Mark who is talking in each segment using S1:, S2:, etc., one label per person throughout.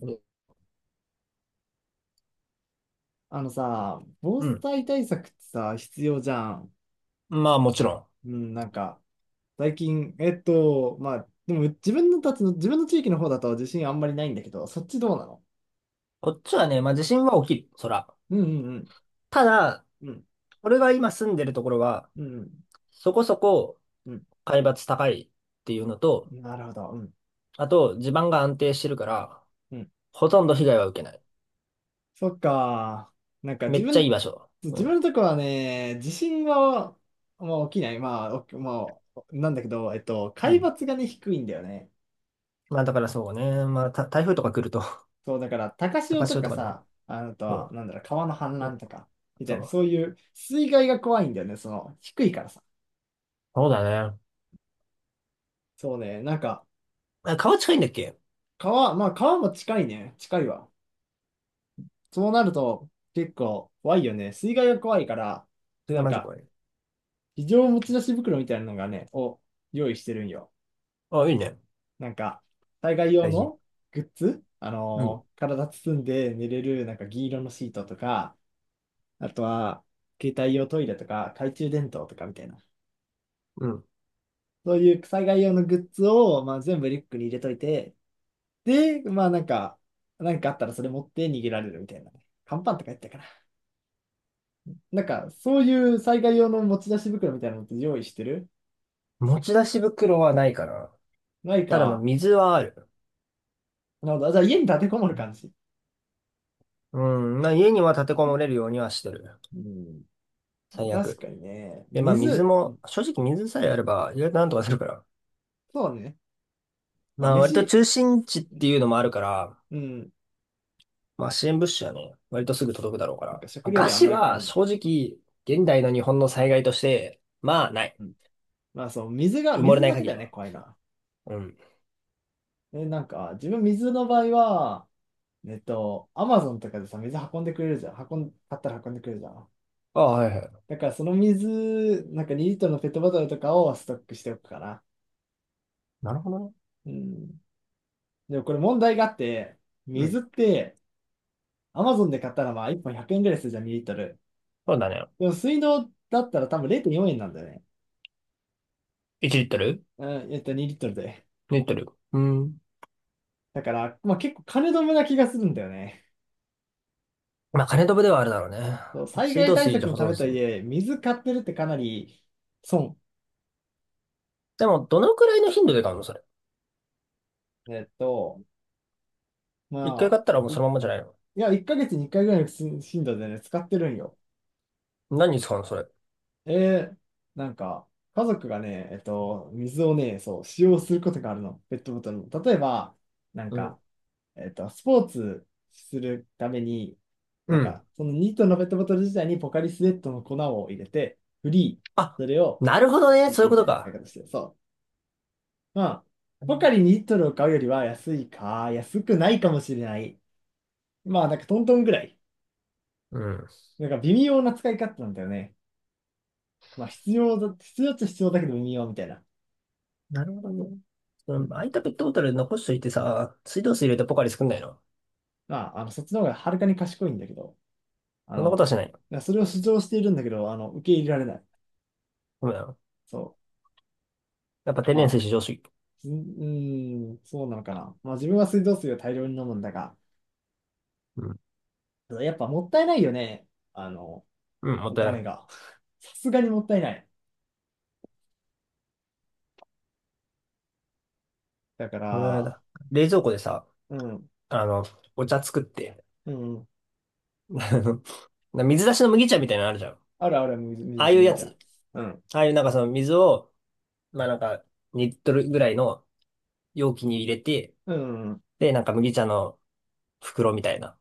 S1: う
S2: あのさ、防
S1: ん。
S2: 災対策ってさ、必要じゃん。
S1: まあもちろん。
S2: うん、なんか、最近、でも自分の地域の方だと自信あんまりないんだけど、そっちどうなの？
S1: こっちはね、まあ地震は起きる。そら。
S2: うんうん
S1: ただ、
S2: うん。うん、
S1: 俺が今住んでるところは、
S2: うん、
S1: そこそこ
S2: うん。
S1: 海抜高いっていうのと、
S2: うんなるほど。うん、
S1: あと地盤が安定してるから、
S2: うん。
S1: ほとんど被害は受けない。
S2: そっか。なんか
S1: め
S2: 自
S1: っちゃい
S2: 分、
S1: い場所。う
S2: 自分
S1: ん。
S2: のとこはね、地震は、まあ、起きない。まあ、おまあ、なんだけど、
S1: う
S2: 海
S1: ん。
S2: 抜がね、低いんだよね。
S1: まあだからそうね。まあた台風とか来ると、
S2: そう、だから、高 潮
S1: 高
S2: と
S1: 潮
S2: か
S1: とかでも。
S2: さ、あのと
S1: う
S2: は、
S1: ん。
S2: なんだろう、川の氾濫
S1: お、
S2: とか、みた
S1: そ
S2: いな、そ
S1: う。
S2: ういう水害が怖いんだよね、その、低いからさ。
S1: そうだね。
S2: そうね、なんか、
S1: あ、川近いんだっけ？
S2: 川、まあ、川も近いね、近いわ。そうなると、結構怖いよね。水害が怖いから、
S1: それは
S2: なん
S1: マジ
S2: か、
S1: 怖い。
S2: 非常持ち出し袋みたいなのがね、を用意してるんよ。
S1: あ、いいね。
S2: なんか、災害用
S1: 大事。
S2: のグッズ、
S1: うん。
S2: 体包んで寝れる、なんか銀色のシートとか、あとは、携帯用トイレとか、懐中電灯とかみたいな。
S1: うん。
S2: そういう災害用のグッズを、まあ、全部リュックに入れといて、で、まあ、なんかあったらそれ持って逃げられるみたいな。乾パンとかやったかな。なんか、そういう災害用の持ち出し袋みたいなのって用意してる？
S1: 持ち出し袋はないかな。
S2: ない
S1: ただまあ
S2: か。
S1: 水はある。
S2: なるほど。じゃあ家に立てこもる感じ。
S1: うん、まあ家には立てこもれるようにはしてる。
S2: うん。
S1: 最
S2: 確か
S1: 悪。
S2: にね。
S1: で、まあ水
S2: 水、
S1: も、正直水さえあれば意外となんとかするから。
S2: そうね。まあ
S1: まあ割と
S2: 飯、
S1: 中心地っていうのもあるから、
S2: うん。
S1: まあ支援物資はね、割とすぐ届くだろうから。
S2: なんか食
S1: まあ、
S2: 料
S1: 餓
S2: にはあん
S1: 死
S2: まり困
S1: は
S2: んない。
S1: 正直、現代の日本の災害として、まあない。
S2: うん。まあそう、水が、
S1: 埋もれ
S2: 水
S1: ない
S2: だけ
S1: 限
S2: だ
S1: り
S2: よね、
S1: は。
S2: 怖いな。
S1: うん。
S2: え、なんか、自分水の場合は、えっと、アマゾンとかでさ、水運んでくれるじゃん。運ん、買ったら運んでくれるじゃん。
S1: ああ、はいはい。
S2: だからその水、なんか2リットルのペットボトルとかをストックしておくかな。
S1: なるほどね。
S2: うん。でもこれ問題があって、
S1: うん。
S2: 水って、アマゾンで買ったらまあ1本100円ぐらいするじゃん、2リットル。
S1: そうだね。
S2: でも水道だったら多分0.4円なんだよね。
S1: 1リットル
S2: 2リットルで。
S1: ?2 リットル。うん。
S2: だから、まあ結構金止めな気がするんだよね。
S1: まあ金飛ぶではあるだろうね。
S2: そう、
S1: まあ
S2: 災
S1: 水
S2: 害
S1: 道
S2: 対
S1: 水
S2: 策
S1: で
S2: の
S1: 保
S2: た
S1: 存
S2: めと
S1: す
S2: はい
S1: る。
S2: え、水買ってるってかなり損。
S1: でも、どのくらいの頻度で買うのそれ？
S2: えっと、ま
S1: 一回買
S2: あ、
S1: ったらもうそのまんまじゃないの？
S2: いや、1ヶ月に1回ぐらいの頻度でね、使ってるんよ。
S1: 何に使うの、それ？
S2: えー、なんか、家族がね、水をね、そう、使用することがあるの、ペットボトルの。例えば、なん
S1: うん。
S2: か、スポーツするために、
S1: う
S2: なん
S1: ん。
S2: か、そのニートのペットボトル自体にポカリスエットの粉を入れて、フリー、
S1: あ、
S2: それを、
S1: なるほどね。
S2: リッ
S1: そうい
S2: プ
S1: う
S2: み
S1: こ
S2: た
S1: と
S2: いな使い
S1: か。
S2: 方してる、そう。まあ、ポカリニリットルを買うよりは安いか、安くないかもしれない。まあ、なんかトントンぐらい。
S1: うん。
S2: なんか微妙な使い方なんだよね。まあ、必要だ、必要っちゃ必要だけど微妙みたいな。
S1: なるほどね。そ
S2: うん。
S1: の空いたペットボトル残しといてさ、水道水入れてポカリ作んないの？
S2: まあ、あの、そっちの方がはるかに賢いんだけど、あ
S1: そんなことは
S2: の、
S1: しないの？
S2: いやそれを主張しているんだけど、あの、受け入れられない。
S1: ごめん。や
S2: そ
S1: っぱ
S2: う。
S1: 天然
S2: ま
S1: 水
S2: あ、
S1: 至上主義。
S2: うーん、そうなのかな。まあ、自分は水道水を大量に飲むんだが、
S1: うん。
S2: やっぱもったいないよね。あの、
S1: うん、もっ
S2: お
S1: たいな
S2: 金
S1: い。
S2: が。さすがにもったいない。だか
S1: もったいない
S2: ら、
S1: だ。冷蔵庫でさ、
S2: うん、
S1: あの、お茶作って、
S2: うん、
S1: あの水出しの麦茶みたいなのあるじゃん。
S2: あるある、水水
S1: あ
S2: 出
S1: あ
S2: し
S1: いう
S2: 麦
S1: や
S2: 茶。
S1: つ。
S2: うん、
S1: ああいうなんかその水を、まあなんか2リットルぐらいの容器に入れて、
S2: うん、うん、
S1: で、なんか麦茶の袋みたいな。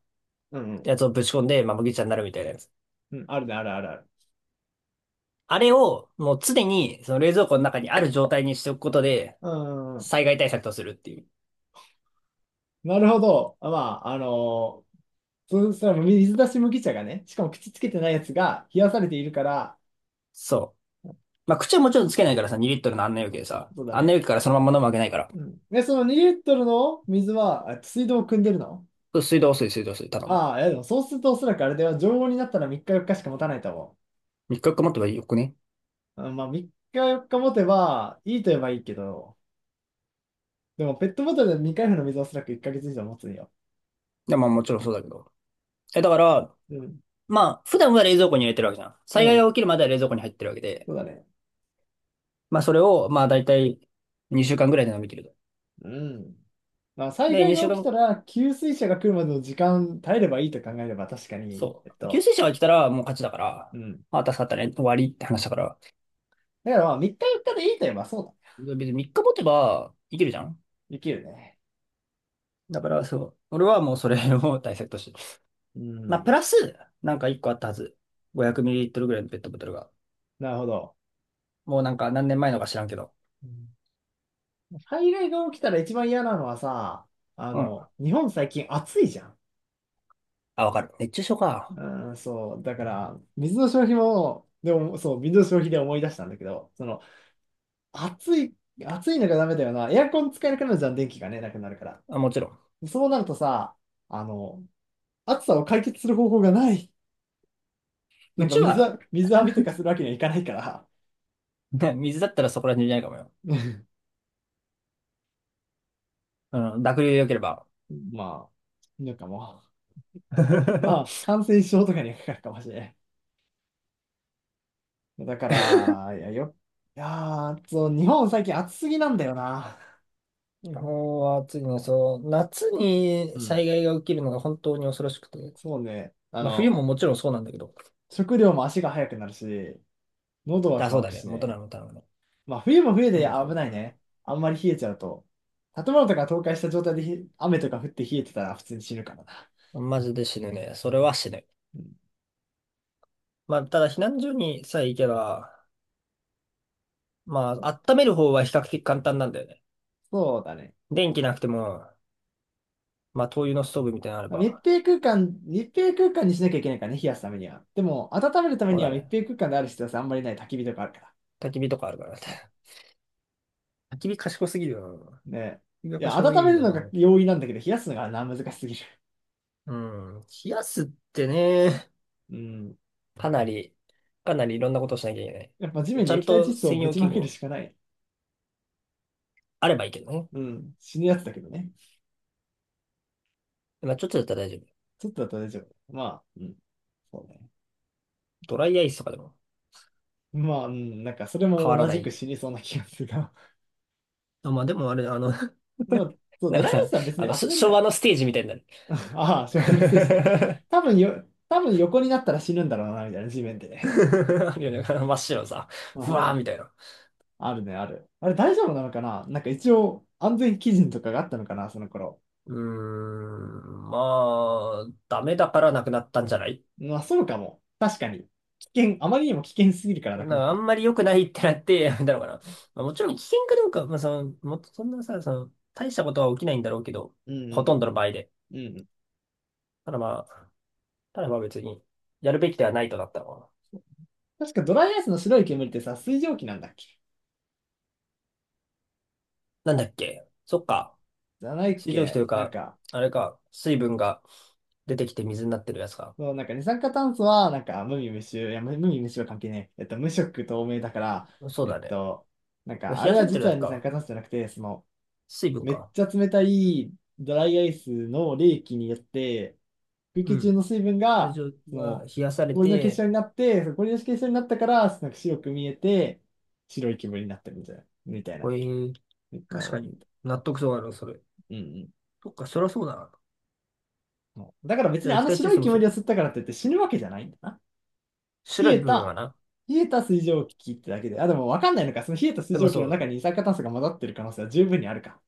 S2: うん、
S1: やつをぶち込んで、まあ、麦茶になるみたいなやつ。
S2: うん、あるね、あるあるある。
S1: あれを、もう常に、その冷蔵庫の中にある状態にしておくことで、
S2: うん、
S1: 災害対策とするっていう。
S2: なるほど。まあ、あのそうしたら水出し麦茶がね、しかも口つけてないやつが冷やされているから、
S1: そう。まあ、口はもちろんつけないからさ、2リットルの案内容器でさ、
S2: そうだ
S1: 案内容
S2: ね。
S1: 器からそのまま飲むわけないから。
S2: うん。で、その2リットルの水は、あ水道を汲んでるの？
S1: 水道水、水道水、ただの。
S2: ああ、いやでもそうするとおそらくあれでは常温になったら3日4日しか持たないと思
S1: 3日持ってばよくね？
S2: う。うんまあ3日4日持てばいいと言えばいいけど、でもペットボトルで未開封の水はおそらく1ヶ月以上持つんよ。
S1: いや、まあ、もちろんそうだけど。え、だから、
S2: うん。
S1: まあ、普段は冷蔵庫に入れてるわけじゃん。
S2: う
S1: 災害が
S2: ん。
S1: 起きるまでは冷蔵庫に入ってるわけで。
S2: そうだね。
S1: まあ、それを、まあ、だいたい2週間ぐらいで飲み切ると。
S2: うん。まあ災
S1: で、
S2: 害
S1: 2
S2: が
S1: 週
S2: 起き
S1: 間、
S2: たら給水車が来るまでの時間耐えればいいと考えれば確かに、
S1: そう。給水車が来たらもう勝ちだから、
S2: うん。
S1: まあ、助かったね、終わりって話だから。
S2: だからまあ、3日4日でいいと言えばそうだね。
S1: 別に3日持てばいけるじゃん。
S2: できるね。
S1: だからそう。俺はもうそれを大切として。
S2: う
S1: まあ、プ
S2: ん。
S1: ラス、なんか1個あったはず。500ml ぐらいのペットボトルが。
S2: なるほど。
S1: もうなんか何年前のか知らんけど。
S2: うん災害が起きたら一番嫌なのはさ、あ
S1: うん。
S2: の、日本最近暑いじゃん。
S1: あ、わかる。熱中症か。
S2: うん、そう。だから、水の消費も、でも、そう、水の消費で思い出したんだけど、その、暑い、暑いのがダメだよな。エアコン使えなくなるじゃん、電気がね、なくなるから。
S1: あ、もちろん。
S2: そうなるとさ、あの、暑さを解決する方法がない。な
S1: う
S2: んか
S1: ち
S2: 水
S1: は、
S2: は、水浴びとかするわけにはいかないから。
S1: ね、水だったらそこら辺じゃないかもよ。うん。濁流で良ければ。
S2: まあ、なんかもう。ま あ、感染症とかにかかるかもしれない。だから、いやー、そう、日本最近暑すぎなんだよな。
S1: 日本は暑いね。そう、夏
S2: う
S1: に
S2: ん。
S1: 災害が起きるのが本当に恐ろしくて。
S2: そうね。あ
S1: まあ、冬
S2: の、
S1: ももちろんそうなんだけど。
S2: 食料も足が速くなるし、喉は
S1: あ、そう
S2: 乾く
S1: だね。
S2: し
S1: 元な
S2: ね。
S1: の、元なのね。
S2: まあ、冬も冬で
S1: わかるわ
S2: 危ない
S1: か
S2: ね。あんまり冷えちゃうと。建物とか倒壊した状態でひ雨とか降って冷えてたら普通に死ぬからな。
S1: るマジで死ぬね。それは死ぬ。
S2: うん、
S1: まあ、ただ避難所にさえ行けば、まあ、温める方は比較的簡単なんだよね。
S2: そうだね。
S1: 電気なくても、まあ、灯油のストーブみたいなのあれ
S2: まあ密
S1: ば、
S2: 閉空間、密閉空間にしなきゃいけないからね、冷やすためには。でも、温めるため
S1: そう
S2: に
S1: だ
S2: は密
S1: ね。
S2: 閉空間である必要性あんまりない焚き火とかあるから。
S1: 焚き火とかあるからね。焚き火賢すぎるよな。焚
S2: ね。
S1: き火は
S2: いや、
S1: 賢すぎ
S2: 温
S1: る
S2: め
S1: け
S2: る
S1: ど、
S2: の
S1: まあで
S2: が
S1: も、
S2: 容易なんだけど、冷やすのがな、難しすぎる。
S1: うん。冷やすってね、
S2: うん。
S1: かなり、かなりいろんなことをしなきゃいけな
S2: やっぱ地
S1: い。
S2: 面
S1: ち
S2: に
S1: ゃん
S2: 液体窒
S1: と
S2: 素を
S1: 専
S2: ぶ
S1: 用
S2: ち
S1: 器
S2: まける
S1: 具
S2: しかない。
S1: あればいいけどね。
S2: うん。死ぬやつだけどね。
S1: まあ、ちょっとだったら大丈夫。
S2: ちょっとだったら大丈夫。まあ、うん。そうね。
S1: ドライアイスとかでも
S2: まあ、うん。なんか、それ
S1: 変
S2: も
S1: わら
S2: 同
S1: な
S2: じく
S1: い。
S2: 死にそうな気がするが。
S1: まあ、でもあれ、あの、
S2: でも、そう、
S1: な
S2: ド
S1: んか
S2: ライアイ
S1: さ、
S2: スは別
S1: あ
S2: に
S1: の、
S2: 遊
S1: し
S2: べる
S1: 昭
S2: から。
S1: 和のステージみたいになる。
S2: ああ、小学生して。多分よ、多分横になったら死ぬんだろうな、みたいな、地面で ね。
S1: あるよね。真っ白さ。ふ
S2: あ
S1: わーみたいな。
S2: あるね、ある。あれ大丈夫なのかな？なんか一応、安全基準とかがあったのかな、その頃。
S1: うーん。まあ、ダメだからなくなったんじゃない？
S2: まあ、そうかも。確かに。危険、あまりにも危険すぎるから
S1: な
S2: な
S1: ん
S2: くなっ
S1: かあ
S2: た。
S1: んまり良くないってなってやめたのかな。まあ、もちろん危険かどうか、まあ、その、もっとそんなさ、その、大したことは起きないんだろうけど、
S2: う
S1: ほ
S2: ん、
S1: とんどの場合で。
S2: うん、うん。
S1: ただまあ、ただまあ別に、やるべきではないとなったのか
S2: 確かドライアイスの白い煙ってさ、水蒸気なんだっけ？
S1: な。なんだっけ？そっか。
S2: じゃないっ
S1: 水蒸気と
S2: け？
S1: いう
S2: なん
S1: か、
S2: か、
S1: あれか、水分が出てきて水になってるやつか。
S2: そう、なんか二酸化炭素は、なんか無味無臭、いや、無無味無臭は関係ねえ。えっと、無色透明だから、
S1: そう
S2: えっ
S1: だね。
S2: と、
S1: 冷
S2: あ
S1: や
S2: れ
S1: さ
S2: は
S1: れてる
S2: 実
S1: だ
S2: は
S1: け
S2: 二酸
S1: か。
S2: 化炭素じゃなくて、その、
S1: 水分
S2: めっ
S1: か。
S2: ちゃ冷たいドライアイスの冷気によって、空
S1: う
S2: 気中
S1: ん。
S2: の水分
S1: 会
S2: が、
S1: 場
S2: そ
S1: が
S2: の、
S1: 冷やされ
S2: 氷の結
S1: て、
S2: 晶になって、その氷の結晶になったから、なんか白く見えて、白い煙になってるみたいな、みたい
S1: こ
S2: な
S1: ういう、確か
S2: の。
S1: に納得そうだな、それ。
S2: うんうん。
S1: そっか、そりゃそうだな。
S2: うだから別
S1: じゃ
S2: に
S1: あ
S2: あ
S1: 液
S2: の
S1: 体窒
S2: 白い
S1: 素もそ
S2: 煙を
S1: う。
S2: 吸ったからって言って死ぬわけじゃないんだな。冷
S1: 白い
S2: え
S1: 部分は
S2: た、
S1: な。
S2: 冷えた水蒸気ってだけで、あ、でもわかんないのか。その冷えた水
S1: でも
S2: 蒸気の中に
S1: そ
S2: 二酸化炭素が混ざってる可能性は十分にあるか。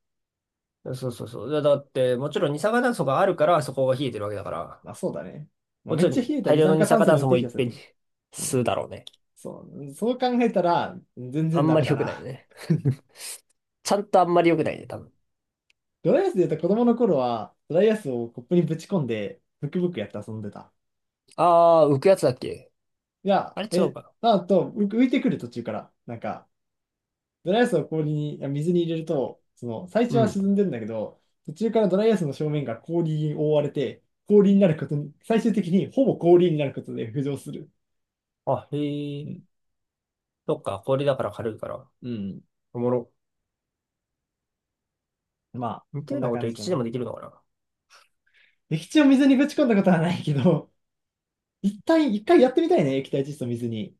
S1: う、そうそうそう。だって、もちろん二酸化炭素があるからそこが冷えてるわけだから、
S2: まあそうだね。まあ、
S1: も
S2: めっ
S1: ちろ
S2: ちゃ
S1: ん
S2: 冷えた
S1: 大
S2: 二
S1: 量の
S2: 酸
S1: 二
S2: 化
S1: 酸
S2: 炭
S1: 化
S2: 素に
S1: 炭
S2: よっ
S1: 素
S2: て
S1: も
S2: 冷
S1: いっ
S2: やされ
S1: ぺん
S2: て
S1: に
S2: る。うん。
S1: 吸うだろうね。
S2: そう。そう考えたら、全
S1: あ
S2: 然
S1: ん
S2: ダ
S1: ま
S2: メ
S1: り
S2: だ
S1: 良くない
S2: な。
S1: ね。ちゃんとあんまり良くないね、多分。
S2: ドライアイスで言うと子供の頃は、ドライアイスをコップにぶち込んで、ブクブクやって遊んでた。
S1: あー、浮くやつだっけ？
S2: いや、
S1: あれ違う
S2: え、
S1: かな。
S2: あと、浮浮いてくる途中から、なんか、ドライアイスを氷に、あ水に入れると、その、最
S1: う
S2: 初は
S1: ん。
S2: 沈んでんだけど、途中からドライアイスの正面が氷に覆われて、氷になることに、最終的にほぼ氷になることで浮上する。
S1: あ、へ
S2: う
S1: え。
S2: ん。
S1: そっか、氷だから軽いから。
S2: うん。
S1: おもろ。
S2: まあ、
S1: 似た
S2: こん
S1: よう
S2: な
S1: なこと、
S2: 感じ
S1: 液
S2: だ
S1: 地で
S2: な。
S1: もできるのかな。
S2: 液体を水にぶち込んだことはないけど、一旦、一回やってみたいね、液体窒素水に。